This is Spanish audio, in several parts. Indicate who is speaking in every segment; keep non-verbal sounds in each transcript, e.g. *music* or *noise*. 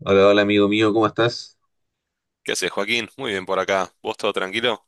Speaker 1: Hola, hola amigo mío, ¿cómo estás?
Speaker 2: ¿Qué haces, Joaquín? Muy bien por acá. ¿Vos todo tranquilo?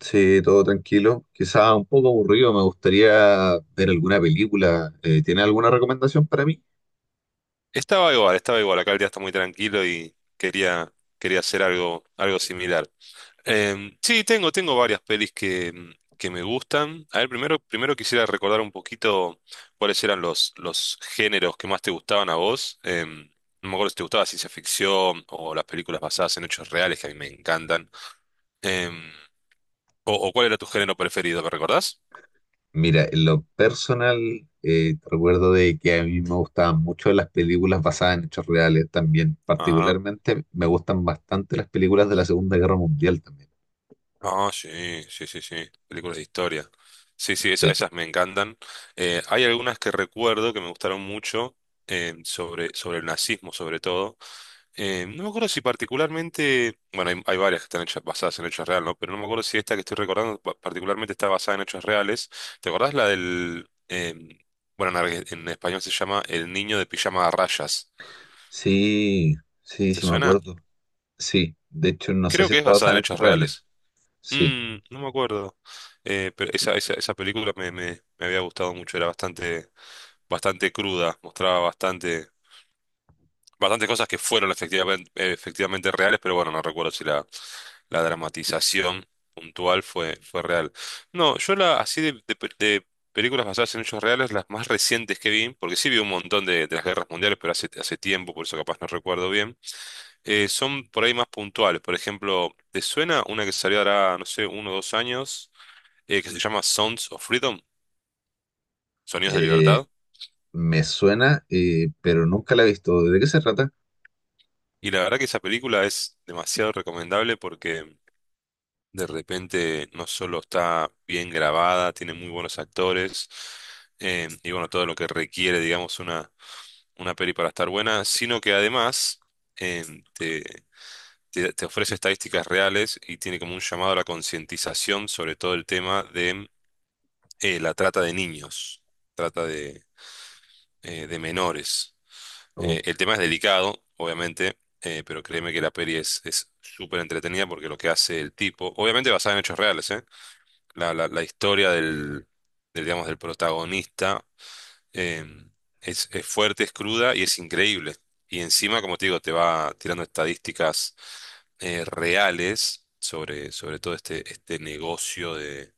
Speaker 1: Sí, todo tranquilo. Quizás un poco aburrido, me gustaría ver alguna película. ¿Tiene alguna recomendación para mí?
Speaker 2: Estaba igual, estaba igual. Acá el día está muy tranquilo y quería hacer algo similar. Sí, tengo varias pelis que me gustan. A ver, primero quisiera recordar un poquito cuáles eran los géneros que más te gustaban a vos. No me acuerdo si te gustaba ciencia ficción o las películas basadas en hechos reales que a mí me encantan. Em, o cuál era tu género preferido, ¿me recordás?
Speaker 1: Mira, en lo personal, te recuerdo de que a mí me gustaban mucho las películas basadas en hechos reales también.
Speaker 2: Ah.
Speaker 1: Particularmente me gustan bastante las películas de la Segunda Guerra Mundial también.
Speaker 2: Ah, sí, sí, sí, sí. Películas de historia. Sí, sí,
Speaker 1: Sí,
Speaker 2: esas, me encantan. Hay algunas que recuerdo que me gustaron mucho, sobre el nazismo, sobre todo. No me acuerdo si particularmente, bueno, hay varias que están hechas basadas en hechos reales, ¿no? Pero no me acuerdo si esta que estoy recordando particularmente está basada en hechos reales. ¿Te acordás la del, bueno, en español se llama El niño de pijama a rayas?
Speaker 1: sí, sí,
Speaker 2: ¿Te
Speaker 1: sí me
Speaker 2: suena?
Speaker 1: acuerdo. Sí, de hecho no sé
Speaker 2: Creo
Speaker 1: si
Speaker 2: que es
Speaker 1: está
Speaker 2: basada
Speaker 1: basada
Speaker 2: en
Speaker 1: en hechos
Speaker 2: hechos
Speaker 1: reales.
Speaker 2: reales.
Speaker 1: Sí.
Speaker 2: No me acuerdo. Pero esa película me había gustado mucho, era bastante, bastante cruda, mostraba bastantes cosas que fueron efectivamente, efectivamente reales, pero bueno, no recuerdo si la dramatización puntual fue real. No, así de películas basadas en hechos reales, las más recientes que vi, porque sí vi un montón de las guerras mundiales, pero hace tiempo, por eso capaz no recuerdo bien, son por ahí más puntuales. Por ejemplo, ¿te suena una que salió ahora, no sé, 1 o 2 años? Que se llama Sounds of Freedom, Sonidos de
Speaker 1: Eh,
Speaker 2: Libertad.
Speaker 1: Me suena, pero nunca la he visto. ¿De qué se trata?
Speaker 2: Y la verdad que esa película es demasiado recomendable porque de repente no solo está bien grabada, tiene muy buenos actores, y bueno, todo lo que requiere, digamos, una peli para estar buena, sino que además, eh, te, te ofrece estadísticas reales y tiene como un llamado a la concientización sobre todo el tema de, la trata de niños, trata de menores.
Speaker 1: Oh,
Speaker 2: El tema es delicado, obviamente, pero créeme que la peli es súper entretenida porque lo que hace el tipo, obviamente basada en hechos reales, ¿eh? La historia del, digamos, del protagonista, eh, es fuerte, es cruda y es increíble. Y encima, como te digo, te va tirando estadísticas, reales sobre todo este negocio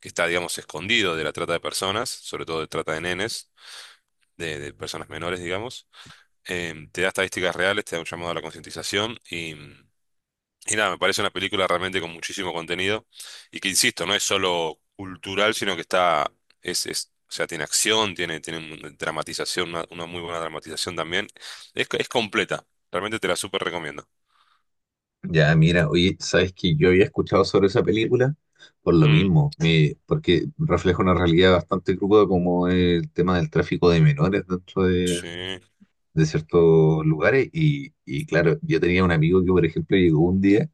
Speaker 2: que está, digamos, escondido de la trata de personas, sobre todo de trata de nenes, de personas menores, digamos, te da estadísticas reales, te da un llamado a la concientización y nada, me parece una película realmente con muchísimo contenido y que, insisto, no es solo cultural, sino que o sea, tiene acción, tiene, tiene una dramatización, una muy buena dramatización también. Es completa, realmente te la súper recomiendo.
Speaker 1: ya, mira, oye, sabes que yo había escuchado sobre esa película por lo
Speaker 2: Mm,
Speaker 1: mismo, porque refleja una realidad bastante cruda como el tema del tráfico de menores dentro
Speaker 2: sí.
Speaker 1: de ciertos lugares. Y claro, yo tenía un amigo que, por ejemplo, llegó un día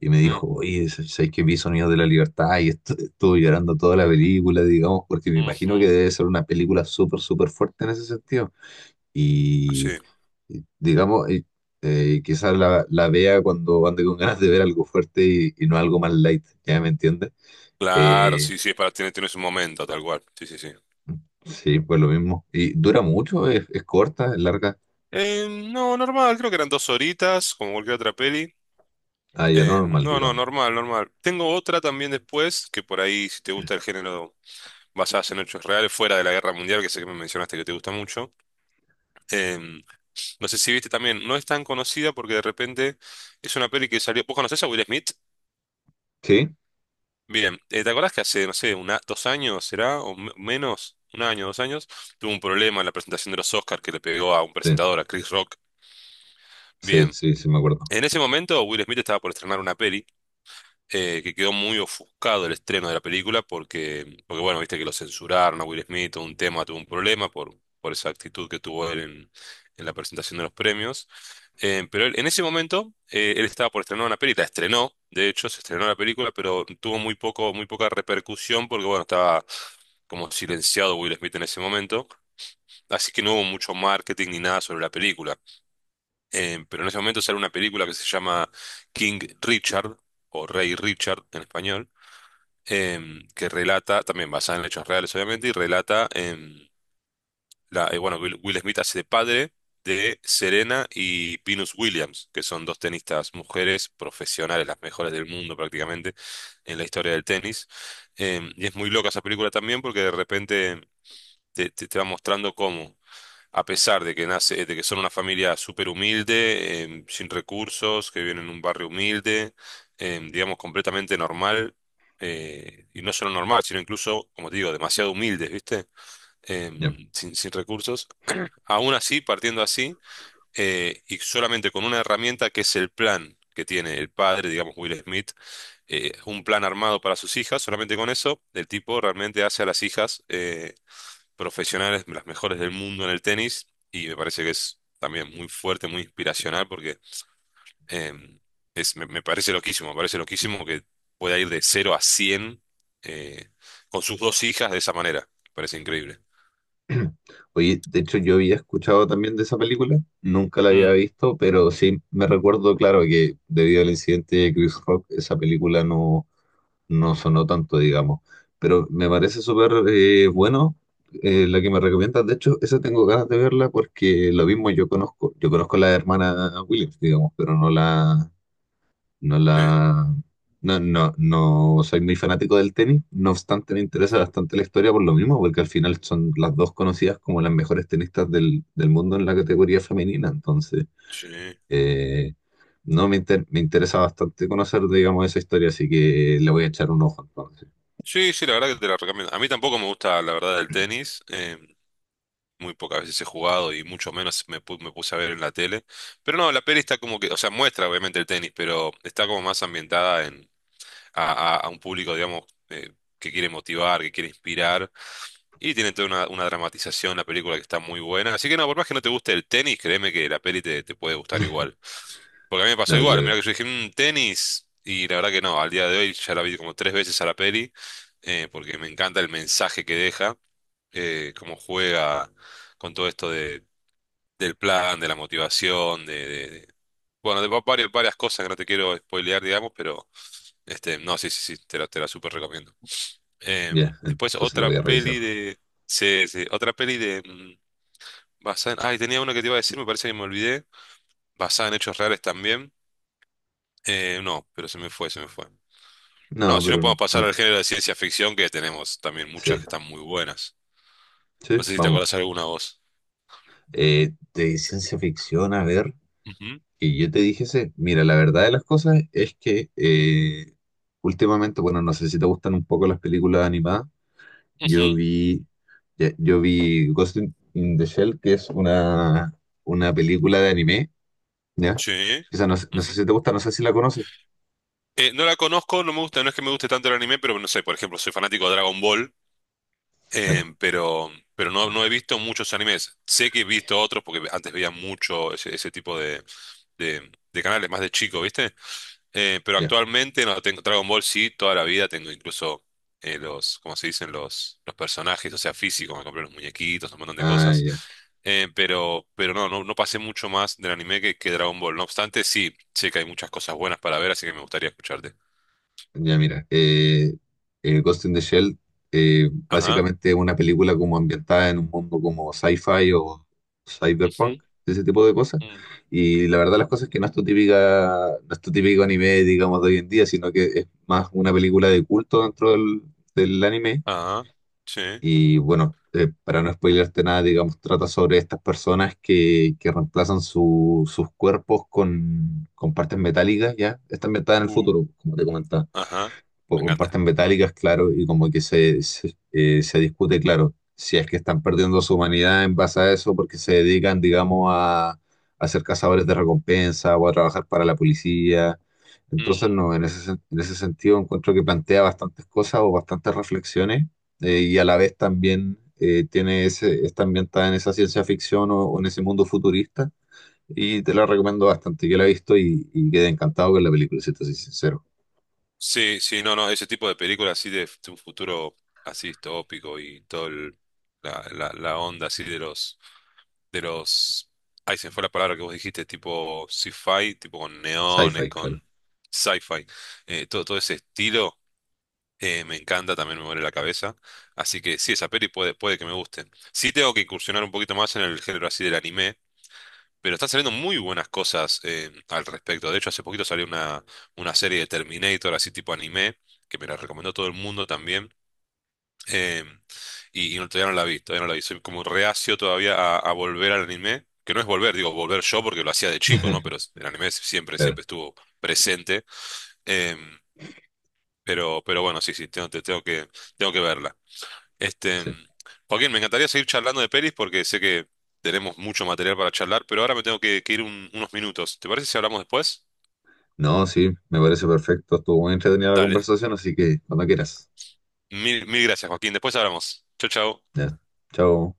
Speaker 1: y me
Speaker 2: Mm,
Speaker 1: dijo, oye, sabes que vi Sonidos de la Libertad y estuve llorando toda la película, digamos, porque me imagino que
Speaker 2: ujú.
Speaker 1: debe ser una película súper, súper fuerte en ese sentido.
Speaker 2: Sí,
Speaker 1: Y, digamos, quizás la vea cuando ande con ganas de ver algo fuerte y no algo más light, ¿ya me entiendes?
Speaker 2: claro,
Speaker 1: Eh,
Speaker 2: sí, sí, es para tienes un momento, tal cual. Sí, sí, sí.
Speaker 1: sí, pues lo mismo. Y dura mucho, es corta, es larga,
Speaker 2: No, normal, creo que eran 2 horitas, como cualquier otra peli.
Speaker 1: ah, ya lo
Speaker 2: Eh,
Speaker 1: normal,
Speaker 2: no, no,
Speaker 1: digamos.
Speaker 2: normal, normal. Tengo otra también después, que por ahí, si te gusta el género basadas en hechos reales, fuera de la Guerra Mundial, que sé que me mencionaste que te gusta mucho. Eh, no sé si viste también, no es tan conocida porque de repente es una peli que salió. ¿Vos conocés a Will Smith?
Speaker 1: Sí,
Speaker 2: Bien, ¿te acordás que hace, no sé, una, 2 años será, o menos, un año, 2 años, tuvo un problema en la presentación de los Oscars que le pegó a un
Speaker 1: sí,
Speaker 2: presentador, a Chris Rock?
Speaker 1: sí,
Speaker 2: Bien.
Speaker 1: sí, sí, me acuerdo.
Speaker 2: En ese momento, Will Smith estaba por estrenar una peli, que quedó muy ofuscado el estreno de la película porque, porque bueno, viste que lo censuraron a Will Smith, todo un tema, tuvo un problema por esa actitud que tuvo él en la presentación de los premios. En ese momento, él estaba por estrenar una película, estrenó, de hecho, se estrenó la película, pero tuvo muy poca repercusión porque, bueno, estaba como silenciado Will Smith en ese momento, así que no hubo mucho marketing ni nada sobre la película. Pero en ese momento sale una película que se llama King Richard, o Rey Richard en español, que relata, también basada en hechos reales, obviamente, y relata, bueno, Will Smith hace de padre de Serena y Venus Williams, que son dos tenistas mujeres profesionales, las mejores del mundo prácticamente en la historia del tenis. Y es muy loca esa película también porque de repente te va mostrando cómo, a pesar de que de que son una familia súper humilde, sin recursos, que viven en un barrio humilde, digamos, completamente normal, y no solo normal, sino incluso, como te digo, demasiado humildes, ¿viste?
Speaker 1: Ya.
Speaker 2: Sin recursos. Aún así, partiendo así, y solamente con una herramienta que es el plan que tiene el padre, digamos, Will Smith, un plan armado para sus hijas, solamente con eso, el tipo realmente hace a las hijas profesionales, las mejores del mundo en el tenis, y me parece que es también muy fuerte, muy inspiracional, porque em, me parece loquísimo que pueda ir de 0 a 100 eh, con sus dos hijas de esa manera. Me parece increíble.
Speaker 1: *clears throat* Oye, de hecho yo había escuchado también de esa película, nunca la había
Speaker 2: Mm,
Speaker 1: visto, pero sí me recuerdo, claro, que debido al incidente de Chris Rock, esa película no sonó tanto, digamos. Pero me parece súper bueno, la que me recomiendas. De hecho, esa tengo ganas de verla porque lo mismo yo conozco. Yo conozco a la hermana Williams, digamos, pero no no
Speaker 2: sí,
Speaker 1: la, no, no, no soy muy fanático del tenis. No obstante, me interesa
Speaker 2: ujú,
Speaker 1: bastante la historia por lo mismo, porque al final son las dos conocidas como las mejores tenistas del mundo en la categoría femenina. Entonces,
Speaker 2: sí.
Speaker 1: eh, no me, inter- me interesa bastante conocer, digamos, esa historia, así que le voy a echar un ojo entonces.
Speaker 2: Sí, sí, la verdad que te la recomiendo. A mí tampoco me gusta, la verdad, el tenis. Muy pocas veces he jugado y mucho menos me puse a ver en la tele. Pero no, la peli está como que, o sea, muestra obviamente el tenis, pero está como más ambientada a un público, digamos, eh, que quiere motivar, que quiere inspirar. Y tiene toda una dramatización, la película que está muy buena. Así que no, por más que no te guste el tenis, créeme que la peli te puede gustar igual. Porque a mí me pasó
Speaker 1: No,
Speaker 2: igual, mira
Speaker 1: claro.
Speaker 2: que yo dije, "Mm, tenis", y la verdad que no, al día de hoy ya la vi como tres veces a la peli, porque me encanta el mensaje que deja, cómo juega con todo esto del plan, de la motivación, bueno, varias, varias cosas que no te quiero spoilear, digamos, pero este, no, sí, sí, sí, te la súper recomiendo. Em,
Speaker 1: Ya,
Speaker 2: después
Speaker 1: entonces lo
Speaker 2: otra
Speaker 1: voy a revisar.
Speaker 2: peli de. Sí, sí, otra peli de. Basada en. Ay, tenía una que te iba a decir, me parece que me olvidé. Basada en hechos reales también. No, pero se me fue, se me fue. No,
Speaker 1: No,
Speaker 2: si no
Speaker 1: pero
Speaker 2: podemos pasar
Speaker 1: ah,
Speaker 2: al género de ciencia ficción, que tenemos también muchas
Speaker 1: sí,
Speaker 2: que están muy buenas.
Speaker 1: sí,
Speaker 2: No sé si te
Speaker 1: vamos.
Speaker 2: acordás alguna voz.
Speaker 1: De ciencia ficción, a ver,
Speaker 2: Ujú.
Speaker 1: que yo te dije ese. Mira, la verdad de las cosas es que
Speaker 2: Mm.
Speaker 1: últimamente, bueno, no sé si te gustan un poco las películas animadas. Yo
Speaker 2: Ujú.
Speaker 1: vi, ya, yo vi in the Shell, que es una película de anime, ¿ya?
Speaker 2: Sí.
Speaker 1: Esa no, sé no sé si
Speaker 2: Ujú.
Speaker 1: te gusta, no sé si la conoces.
Speaker 2: No la conozco, no me gusta, no es que me guste tanto el anime, pero no sé, por ejemplo, soy fanático de Dragon Ball.
Speaker 1: Claro,
Speaker 2: Pero no he visto muchos animes. Sé que he visto otros porque antes veía mucho ese tipo de canales, más de chico, ¿viste? Pero
Speaker 1: ya.
Speaker 2: actualmente no tengo Dragon Ball, sí, toda la vida tengo incluso, ¿cómo se dicen? Los personajes, o sea, físicos, me compré los muñequitos, un montón de
Speaker 1: Ah,
Speaker 2: cosas.
Speaker 1: ya.
Speaker 2: Pero no pasé mucho más del anime que Dragon Ball. No obstante, sí, sé que hay muchas cosas buenas para ver, así que me gustaría escucharte.
Speaker 1: Ya mira, Ghost in the Shell,
Speaker 2: Ajá.
Speaker 1: básicamente es una película como ambientada en un mundo como sci-fi o
Speaker 2: Ujú.
Speaker 1: cyberpunk, ese tipo de cosas.
Speaker 2: Mm.
Speaker 1: Y la verdad las cosas es que no es tu típica, no es tu típico anime, digamos, de hoy en día, sino que es más una película de culto dentro del anime.
Speaker 2: Ajá. Sí.
Speaker 1: Y bueno, para no spoilearte nada, digamos, trata sobre estas personas que reemplazan sus cuerpos con partes metálicas, ¿ya? Está ambientada en el
Speaker 2: uh,
Speaker 1: futuro, como te comentaba
Speaker 2: Ajá.
Speaker 1: pues
Speaker 2: Me encanta.
Speaker 1: comparten metálicas, claro, y como que se discute, claro, si es que están perdiendo su humanidad en base a eso porque se dedican, digamos, a ser cazadores de recompensa o a trabajar para la policía. Entonces,
Speaker 2: Mm.
Speaker 1: no, en en ese sentido encuentro que plantea bastantes cosas o bastantes reflexiones, y a la vez también tiene ese, está ambientada en esa ciencia ficción o en ese mundo futurista. Y te la recomiendo bastante. Yo la he visto y quedé encantado con la película, si te soy sincero.
Speaker 2: Sí, sí, no, no, ese tipo de películas así un futuro así distópico y todo la onda así de los, de los, ahí se me fue la palabra que vos dijiste, tipo sci-fi, tipo con neones,
Speaker 1: Sci-fi, claro.
Speaker 2: con sci-fi, todo ese estilo, me encanta, también me muere la cabeza, así que sí, esa peli puede que me guste. Sí tengo que incursionar un poquito más en el género así del anime. Pero están saliendo muy buenas cosas, al respecto. De hecho, hace poquito salió una serie de Terminator, así tipo anime, que me la recomendó todo el mundo también. eh, no, todavía no la vi, todavía no la vi. Soy como reacio todavía a volver al anime. Que no es volver, digo, volver yo porque lo hacía de chico, ¿no?
Speaker 1: *laughs*
Speaker 2: Pero el anime siempre,
Speaker 1: Claro,
Speaker 2: siempre estuvo presente. eh, pero bueno, sí, sí, tengo que verla. Este,
Speaker 1: sí.
Speaker 2: Joaquín, me encantaría seguir charlando de pelis porque sé que tenemos mucho material para charlar, pero ahora me tengo que ir unos minutos. ¿Te parece si hablamos después?
Speaker 1: No, sí, me parece perfecto. Estuvo muy entretenida la
Speaker 2: Dale,
Speaker 1: conversación, así que cuando quieras.
Speaker 2: mil, mil gracias, Joaquín. Después hablamos. Chau, chau.
Speaker 1: Ya. Chao.